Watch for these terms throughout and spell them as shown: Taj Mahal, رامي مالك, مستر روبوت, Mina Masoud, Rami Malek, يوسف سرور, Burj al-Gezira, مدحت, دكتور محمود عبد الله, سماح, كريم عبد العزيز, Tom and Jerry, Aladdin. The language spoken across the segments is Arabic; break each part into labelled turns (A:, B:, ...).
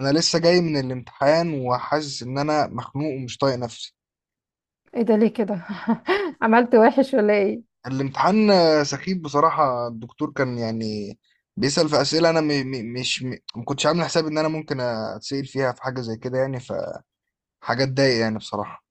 A: انا لسه جاي من الامتحان وحاسس ان انا مخنوق ومش طايق نفسي.
B: ايه ده؟ ليه كده؟ عملت وحش ولا ايه؟
A: الامتحان سخيف بصراحة. الدكتور كان يعني بيسأل في أسئلة، أنا م م مش م ما كنتش عامل حساب إن أنا ممكن أتسأل فيها في حاجة زي كده يعني، فحاجة تضايق يعني بصراحة.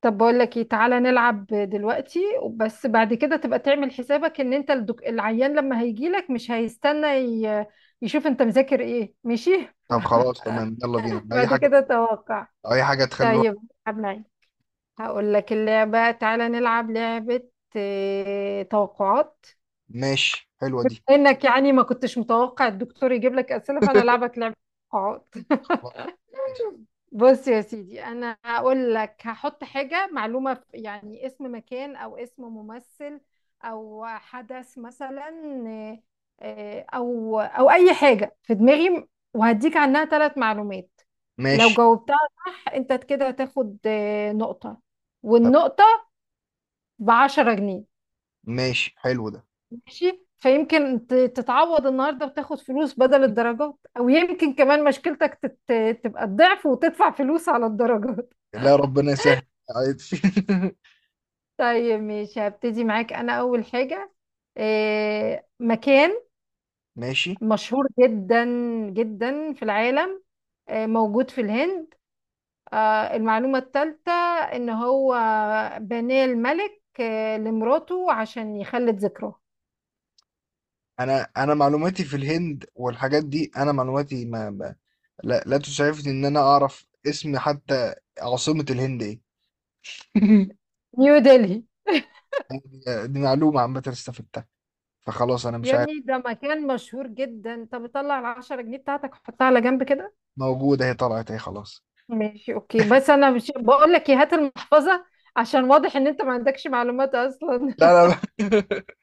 B: طب بقول لك ايه، تعالى نلعب دلوقتي. بس بعد كده تبقى تعمل حسابك ان انت العيان لما هيجي لك مش هيستنى يشوف انت مذاكر ايه، ماشي.
A: طب خلاص تمام، يلا بينا أي
B: بعد
A: حاجة،
B: كده توقع.
A: أي حاجة تخلي الواحد
B: طيب. العب معي. هقول لك اللعبة، تعالى نلعب لعبة. توقعات.
A: ماشي. حلوة دي.
B: انك يعني ما كنتش متوقع الدكتور يجيب لك اسئلة، فانا العبك لعبة توقعات.
A: خلاص ماشي.
B: بص يا سيدي، انا هقول لك هحط حاجه معلومه يعني اسم مكان او اسم ممثل او حدث مثلا. آه، آه، او او اي حاجه في دماغي، وهديك عنها 3 معلومات. لو
A: ماشي
B: جاوبتها صح، انت كده هتاخد نقطه،
A: تمام.
B: والنقطه ب10 جنيه.
A: ماشي حلو ده.
B: ماشي، فيمكن تتعوض النهارده وتاخد فلوس بدل الدرجات، او يمكن كمان مشكلتك تبقى الضعف وتدفع فلوس على الدرجات.
A: لا، ربنا يسهل، عادي.
B: طيب ماشي، هبتدي معاك انا اول حاجة. مكان
A: ماشي.
B: مشهور جدا جدا في العالم، موجود في الهند. المعلومة الثالثة ان هو بناه الملك لمراته عشان يخلد ذكراه.
A: انا معلوماتي في الهند والحاجات دي، انا معلوماتي لا لا تسعفني ان انا اعرف اسم حتى. عاصمة الهند ايه؟
B: نيو دلهي.
A: دي معلومة عامة استفدتها، فخلاص انا مش
B: يا
A: عارف.
B: ابني ده مكان مشهور جدا، طب طلع ال10 جنيه بتاعتك وحطها على جنب كده.
A: موجودة، هي طلعت اهي، خلاص.
B: ماشي اوكي، بس انا مش بقول لك إيه، هات المحفظة عشان واضح ان انت ما عندكش معلومات اصلا.
A: لا لا.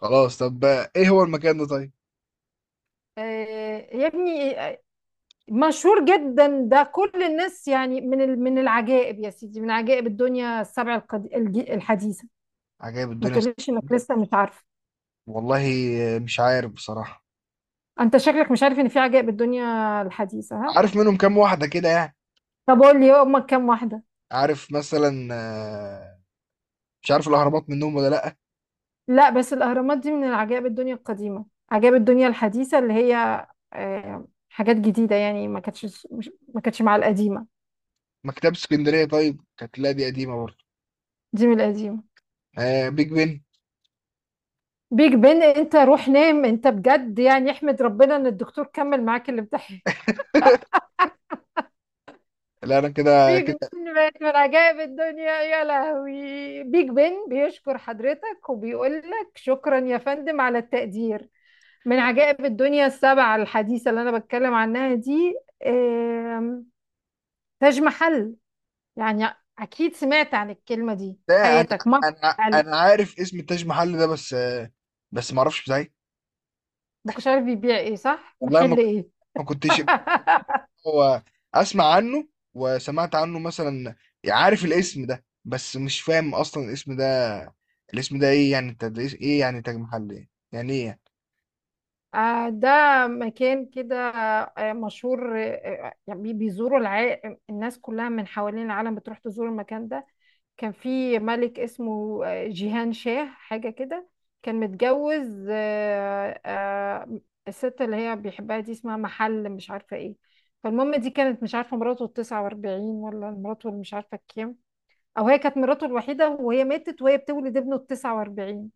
A: خلاص طب. ايه هو المكان ده طيب؟
B: يا ابني، مشهور جدا ده، كل الناس يعني، من من العجائب يا سيدي، من عجائب الدنيا ال7 الحديثة.
A: عجائب
B: ما
A: الدنيا؟
B: تقوليش انك لسه مش عارفه.
A: والله مش عارف بصراحة.
B: انت شكلك مش عارف ان في عجائب الدنيا الحديثة، ها؟
A: عارف منهم كام واحدة كده يعني.
B: طب قول لي هما كام واحدة.
A: عارف مثلا، مش عارف الأهرامات منهم ولا لأ.
B: لا بس الاهرامات دي من العجائب الدنيا القديمة، عجائب الدنيا الحديثة اللي هي حاجات جديدة يعني، ما كانتش مع القديمة.
A: مكتبة اسكندرية طيب، كانت، لا دي قديمة برضه.
B: دي من القديمة.
A: آه، بيج بن.
B: بيج بن؟ انت روح نام انت بجد يعني، احمد ربنا ان الدكتور كمل معاك الامتحان.
A: لا انا كده
B: بيج
A: كده.
B: بن بقت من عجائب الدنيا؟ يا لهوي، بيج بن بيشكر حضرتك وبيقول لك شكرا يا فندم على التقدير. من عجائب الدنيا ال7 الحديثة اللي أنا بتكلم عنها دي، آم، تاج محل. يعني أكيد سمعت عن الكلمة دي في
A: لا، انا
B: حياتك مرة
A: انا
B: على الأقل.
A: انا عارف اسم التاج محل ده، بس ما اعرفش ازاي.
B: ما كنتش عارف بيبيع إيه؟ صح؟
A: والله
B: محل إيه؟
A: ما كنتش. هو اسمع عنه، وسمعت عنه مثلا، عارف الاسم ده بس مش فاهم اصلا الاسم ده. الاسم ده ايه يعني؟ انت ده إيه؟ إيه يعني تاج محل؟ ايه يعني، ايه يعني؟
B: ده مكان كده مشهور، يعني الناس كلها من حوالين العالم بتروح تزور المكان ده. كان في ملك اسمه جيهان شاه حاجة كده، كان متجوز الست اللي هي بيحبها دي اسمها محل مش عارفة ايه. فالمهم دي كانت مش عارفة مراته ال49 ولا مراته اللي مش عارفة الكام، أو هي كانت مراته الوحيدة وهي ماتت وهي بتولد ابنه ال49.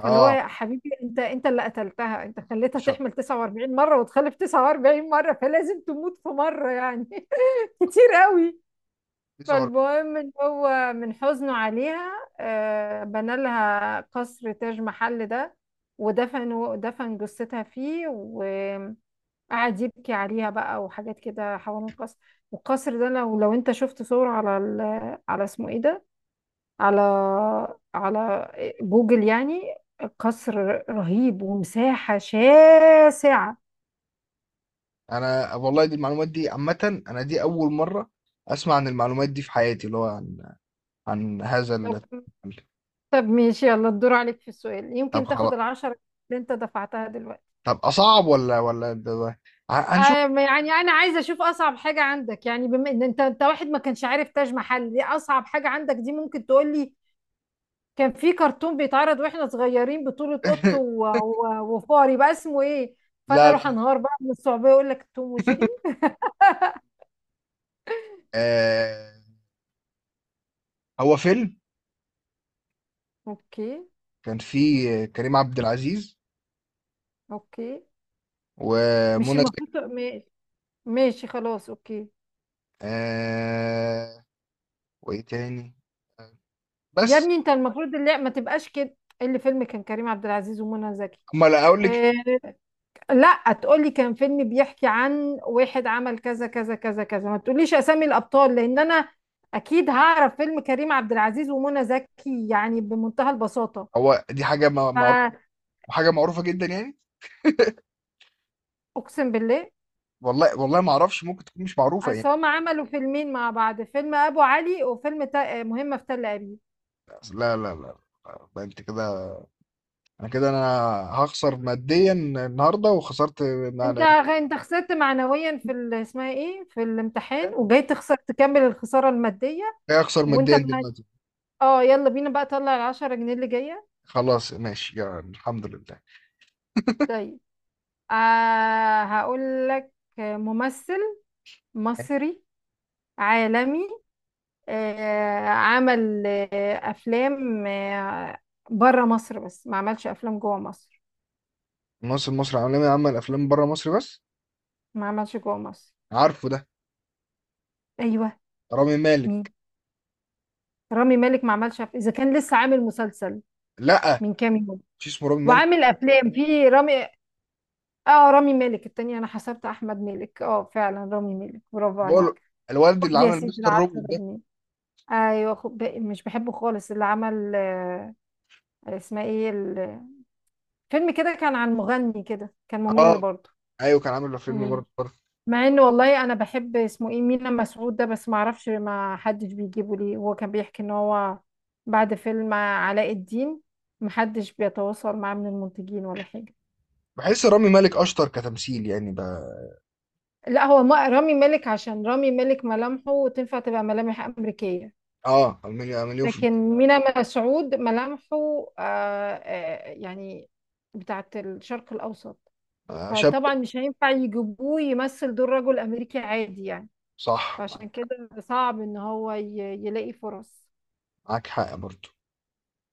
B: فاللي هو
A: اه.
B: يا حبيبي، انت اللي قتلتها، انت خليتها
A: شر.
B: تحمل 49 مرة وتخلف 49 مرة، فلازم تموت في مرة يعني. كتير قوي.
A: دي صور.
B: فالمهم ان هو من حزنه عليها، بنى لها قصر تاج محل ده، ودفن دفن جثتها فيه، وقعد يبكي عليها بقى وحاجات كده حوالين القصر. والقصر ده لو انت شفت صور على على اسمه ايه ده، على على جوجل يعني، قصر رهيب ومساحة شاسعة.
A: انا والله دي المعلومات دي عامة، انا دي اول مرة اسمع عن المعلومات دي في حياتي، اللي هو عن هذا ال.
B: طب طب ماشي، يلا الدور عليك في السؤال،
A: طب
B: يمكن تاخد
A: خلاص.
B: ال10 اللي انت دفعتها دلوقتي.
A: طب اصعب ولا
B: آه،
A: هنشوف.
B: يعني انا عايزه اشوف اصعب حاجه عندك، يعني بما ان انت واحد ما كانش عارف تاج محل دي، اصعب حاجه عندك دي ممكن تقول لي كان في كرتون بيتعرض واحنا صغيرين بطولة قط وفار يبقى اسمه ايه، فانا
A: لا
B: اروح
A: لا.
B: انهار بقى من الصعوبيه، اقول لك توم وجيري.
A: آه، هو فيلم
B: اوكي،
A: كان فيه كريم عبد العزيز
B: اوكي. مش
A: ومنى
B: المفروض
A: زكي،
B: تق- ماشي، ماشي خلاص اوكي.
A: آه وايه تاني
B: يا
A: بس.
B: ابني انت المفروض اللي ما تبقاش كده، إيه اللي فيلم كان كريم عبد العزيز ومنى زكي؟
A: اما لا اقول لك.
B: آه، لا تقولي كان فيلم بيحكي عن واحد عمل كذا كذا كذا كذا، ما تقوليش اسامي الابطال، لان انا اكيد هعرف فيلم كريم عبد العزيز ومنى زكي يعني بمنتهى البساطه.
A: هو دي حاجه معروفه، حاجه معروفه جدا يعني.
B: فاقسم بالله،
A: والله والله ما اعرفش، ممكن تكون مش معروفه
B: أصل
A: يعني.
B: هما عملوا فيلمين مع بعض، فيلم ابو علي وفيلم مهمه في تل ابيب.
A: لا لا لا، لا، انت كده. انا كده انا هخسر ماديا النهارده، وخسرت
B: انت
A: انا.
B: انت خسرت معنويا في اسمها ايه، في الامتحان، وجاي تخسر تكمل الخساره الماديه.
A: هخسر
B: وانت
A: ماديا
B: ما-
A: دلوقتي.
B: اه يلا بينا بقى، طلع ال10 جنيه اللي جايه.
A: خلاص ماشي، يا الحمد لله.
B: طيب، هقول لك ممثل مصري عالمي، عمل أفلام بره مصر بس ما عملش أفلام جوه مصر.
A: ممثل مصري عالمي، عمل افلام بره مصر بس.
B: ما عملش جوه مصر.
A: عارفه ده.
B: أيوه.
A: رامي
B: مين؟
A: مالك.
B: رامي مالك ما عملش إذا كان لسه عامل مسلسل
A: لا،
B: من كام يوم
A: مش اسمه رامي مالك.
B: وعامل أفلام في رامي. اه رامي مالك التانية، أنا حسبت أحمد مالك، اه فعلا رامي مالك، برافو
A: اللي هو
B: عليك.
A: الوالد اللي
B: خد يا
A: عمل
B: سيدي
A: مستر
B: العشرة
A: روبوت ده.
B: جنيه أيوه خد باقي، مش بحبه خالص اللي عمل، اسمها ايه فيلم كده كان عن مغني كده، كان ممل
A: اه
B: برضه.
A: ايوه، كان عامل فيلم
B: ممل،
A: برضه برضه.
B: مع انه والله انا بحب اسمه ايه، مينا مسعود ده، بس ما اعرفش ما حدش بيجيبه ليه، هو كان بيحكي ان هو بعد فيلم علاء الدين محدش بيتواصل معاه من المنتجين ولا حاجة.
A: بحس رامي مالك اشطر كتمثيل يعني بقى.
B: لا هو رامي مالك، عشان رامي مالك ملامحه تنفع تبقى ملامح أمريكية،
A: اه، مليون مليون في.
B: لكن مينا مسعود ملامحه يعني بتاعت الشرق الأوسط.
A: شاب.
B: فطبعا مش هينفع يجيبوه يمثل دور رجل أمريكي عادي يعني.
A: صح،
B: فعشان
A: معاك.
B: كده صعب إن هو يلاقي فرص.
A: معاك حق برضه.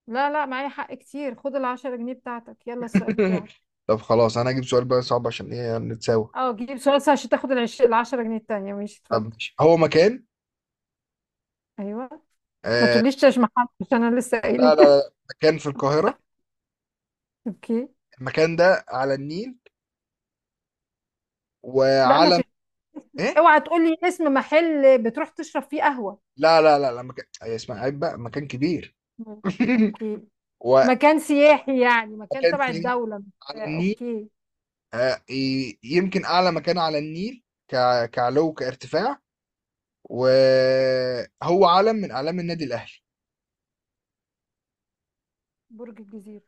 B: لا لا، معايا حق كتير، خد ال10 جنيه بتاعتك، يلا السؤال بتاعك.
A: طب خلاص، انا هجيب سؤال بقى صعب، عشان ايه نتساوى.
B: اه جيب سؤال سهل عشان تاخد ال10 جنيه التانية، ماشي
A: طب
B: اتفضل.
A: ماشي. هو مكان.
B: ايوه. ما
A: آه
B: تقوليش مش محل عشان انا لسه قايله.
A: لا لا لا، مكان في القاهرة.
B: اوكي.
A: المكان ده على النيل،
B: لا ما
A: وعلم.
B: تقول،
A: ايه؟
B: اوعى تقولي اسم محل بتروح تشرب فيه قهوة.
A: لا لا لا، لا مكان، أي اسمها عيب بقى، مكان كبير.
B: مم. اوكي. مكان سياحي يعني، مكان
A: ومكان
B: تبع
A: سينا
B: الدولة
A: على النيل.
B: اوكي.
A: يمكن أعلى مكان على النيل، كعلو كارتفاع. وهو علم من أعلام النادي الأهلي.
B: برج الجزيرة.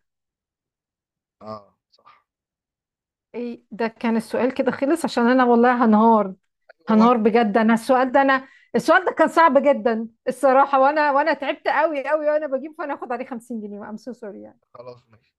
A: اه صح.
B: ايه ده؟ كان السؤال كده خلص؟ عشان انا والله هنهار،
A: هو
B: هنهار بجد. انا السؤال ده، انا السؤال ده كان صعب جدا الصراحه، وانا تعبت قوي قوي، وانا بجيب فانا اخد عليه 50 جنيه. ام سو سوري يعني.
A: خلاص ماشي.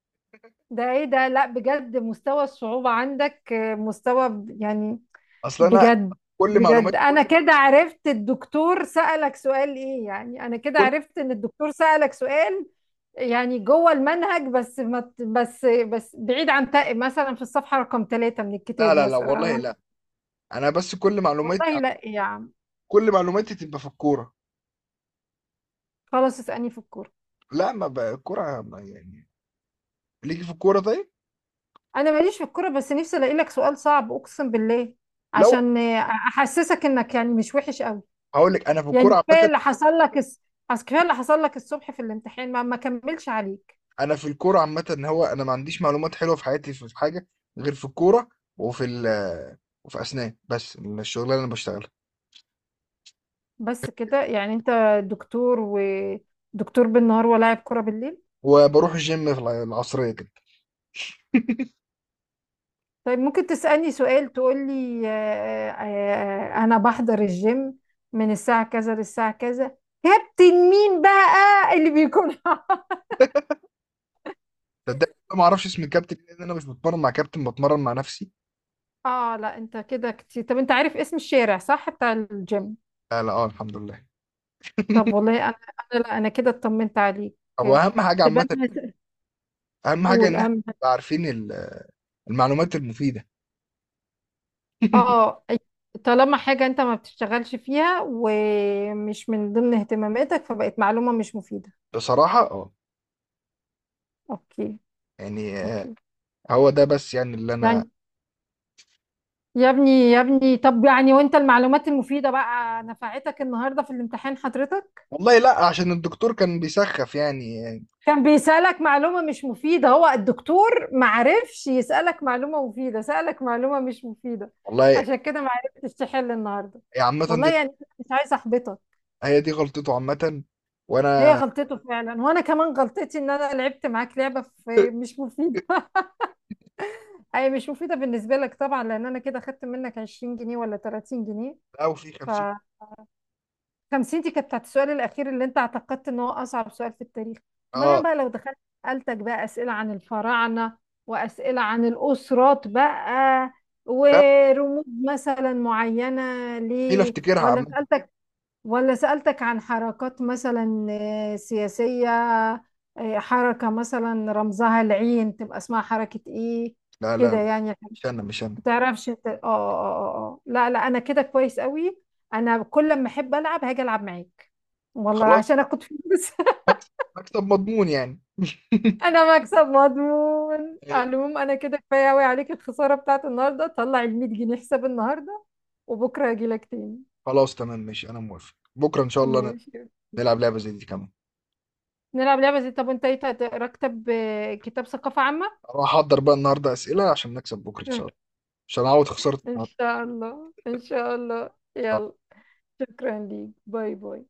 B: ده ايه ده، لا بجد مستوى الصعوبه عندك، مستوى يعني
A: أصل أنا
B: بجد
A: كل
B: بجد.
A: معلومات
B: انا كده عرفت الدكتور سألك سؤال ايه، يعني انا كده
A: كل
B: عرفت ان الدكتور سألك سؤال يعني جوه المنهج، بس ما ت- بس بعيد عن تق مثلا في الصفحة رقم 3 من
A: لا
B: الكتاب
A: لا لا، والله
B: مثلا.
A: لا. أنا بس،
B: والله لا يا عم.
A: كل معلوماتي تبقى في الكورة.
B: خلاص اسألني في الكورة.
A: لا، ما بقى الكورة يعني ليكي في الكورة طيب؟
B: انا ماليش في الكورة، بس نفسي الاقي لك سؤال صعب اقسم بالله
A: لو
B: عشان احسسك انك يعني مش وحش قوي.
A: هقول لك، أنا في
B: يعني
A: الكورة عامة.
B: كفاية اللي حصل لك الصبح في الامتحان، ما كملش عليه.
A: انا في الكوره عامه، ان هو انا ما عنديش معلومات حلوه في حياتي، في حاجه غير في الكوره. وفي ال وفي اسنان بس، من الشغلانه اللي انا بشتغلها.
B: بس كده يعني انت دكتور، ودكتور بالنهار ولاعب كرة بالليل.
A: وبروح الجيم في العصريه كده.
B: طيب ممكن تسألني سؤال، تقول لي انا بحضر الجيم من الساعة كذا للساعة كذا، كابتن مين بقى اللي بيكون؟
A: صدق ما اعرفش اسم الكابتن إيه، لان انا مش بتمرن مع كابتن، بتمرن مع نفسي.
B: اه لا انت كده كتير. طب انت عارف اسم الشارع صح، بتاع الجيم؟
A: لا لا، اه الحمد لله.
B: طب والله انا، انا لا انا كده اطمنت عليك.
A: هو اهم حاجه
B: تبقى
A: عامه،
B: انا،
A: اهم حاجه
B: قول
A: ان احنا
B: اهم.
A: نبقى عارفين المعلومات المفيده.
B: اه طالما حاجة انت ما بتشتغلش فيها ومش من ضمن اهتماماتك، فبقت معلومة مش مفيدة.
A: بصراحه اه.
B: اوكي.
A: يعني
B: اوكي.
A: هو ده بس يعني اللي انا.
B: يعني يا ابني، يا ابني، طب يعني وانت المعلومات المفيدة بقى نفعتك النهاردة في الامتحان حضرتك؟
A: والله لا، عشان الدكتور كان بيسخف يعني.
B: كان بيسألك معلومة مش مفيدة؟ هو الدكتور معرفش يسألك معلومة مفيدة، سألك معلومة مش مفيدة
A: والله
B: عشان كده معرفتش تحل النهاردة.
A: يا. عامة
B: والله
A: دي
B: يعني، مش عايزة احبطك.
A: هي دي غلطته عامةً،
B: هي
A: وأنا.
B: غلطته فعلا، وانا كمان غلطتي ان انا لعبت معاك لعبه في مش مفيده. اي مش مفيده بالنسبه لك طبعا، لان انا كده خدت منك 20 جنيه ولا 30 جنيه،
A: أو في
B: ف
A: 50.
B: 50 دي كانت بتاعت السؤال الاخير اللي انت اعتقدت ان هو اصعب سؤال في التاريخ. امال انا
A: آه،
B: بقى لو دخلت سالتك بقى اسئله عن الفراعنه، واسئله عن الاسرات بقى،
A: لأ
B: ورموز مثلا معينه،
A: مستحيل
B: ليه؟
A: أفتكرها
B: ولا
A: عامةً.
B: سالتك، ولا سألتك عن حركات مثلا سياسية، حركة مثلا رمزها العين تبقى اسمها حركة ايه،
A: لا، لا،
B: كده
A: لا،
B: يعني.
A: مش أنا، مش أنا.
B: ما تعرفش انت- اه اه اه آه. لا لا، انا كده كويس قوي. انا كل ما احب العب هاجي العب معاك، والله
A: خلاص.
B: عشان اخد فلوس.
A: مكسب، مكسب مضمون يعني.
B: انا مكسب مضمون على العموم. انا كده كفايه قوي عليك الخساره بتاعت النهارده، طلع ال 100 جنيه حساب النهارده، وبكره اجي لك تاني.
A: خلاص تمام ماشي، أنا موافق، بكرة إن شاء الله
B: ماشي،
A: نلعب لعبة زي دي كمان،
B: نلعب لعبه زي، طب انت ايه راكب كتاب ثقافه عامه؟
A: أروح أحضر بقى النهاردة أسئلة عشان نكسب بكرة إن شاء الله، عشان أعوض خسارة
B: إن
A: النهاردة.
B: شاء الله، إن شاء الله. يلا، شكرا ليك، باي باي.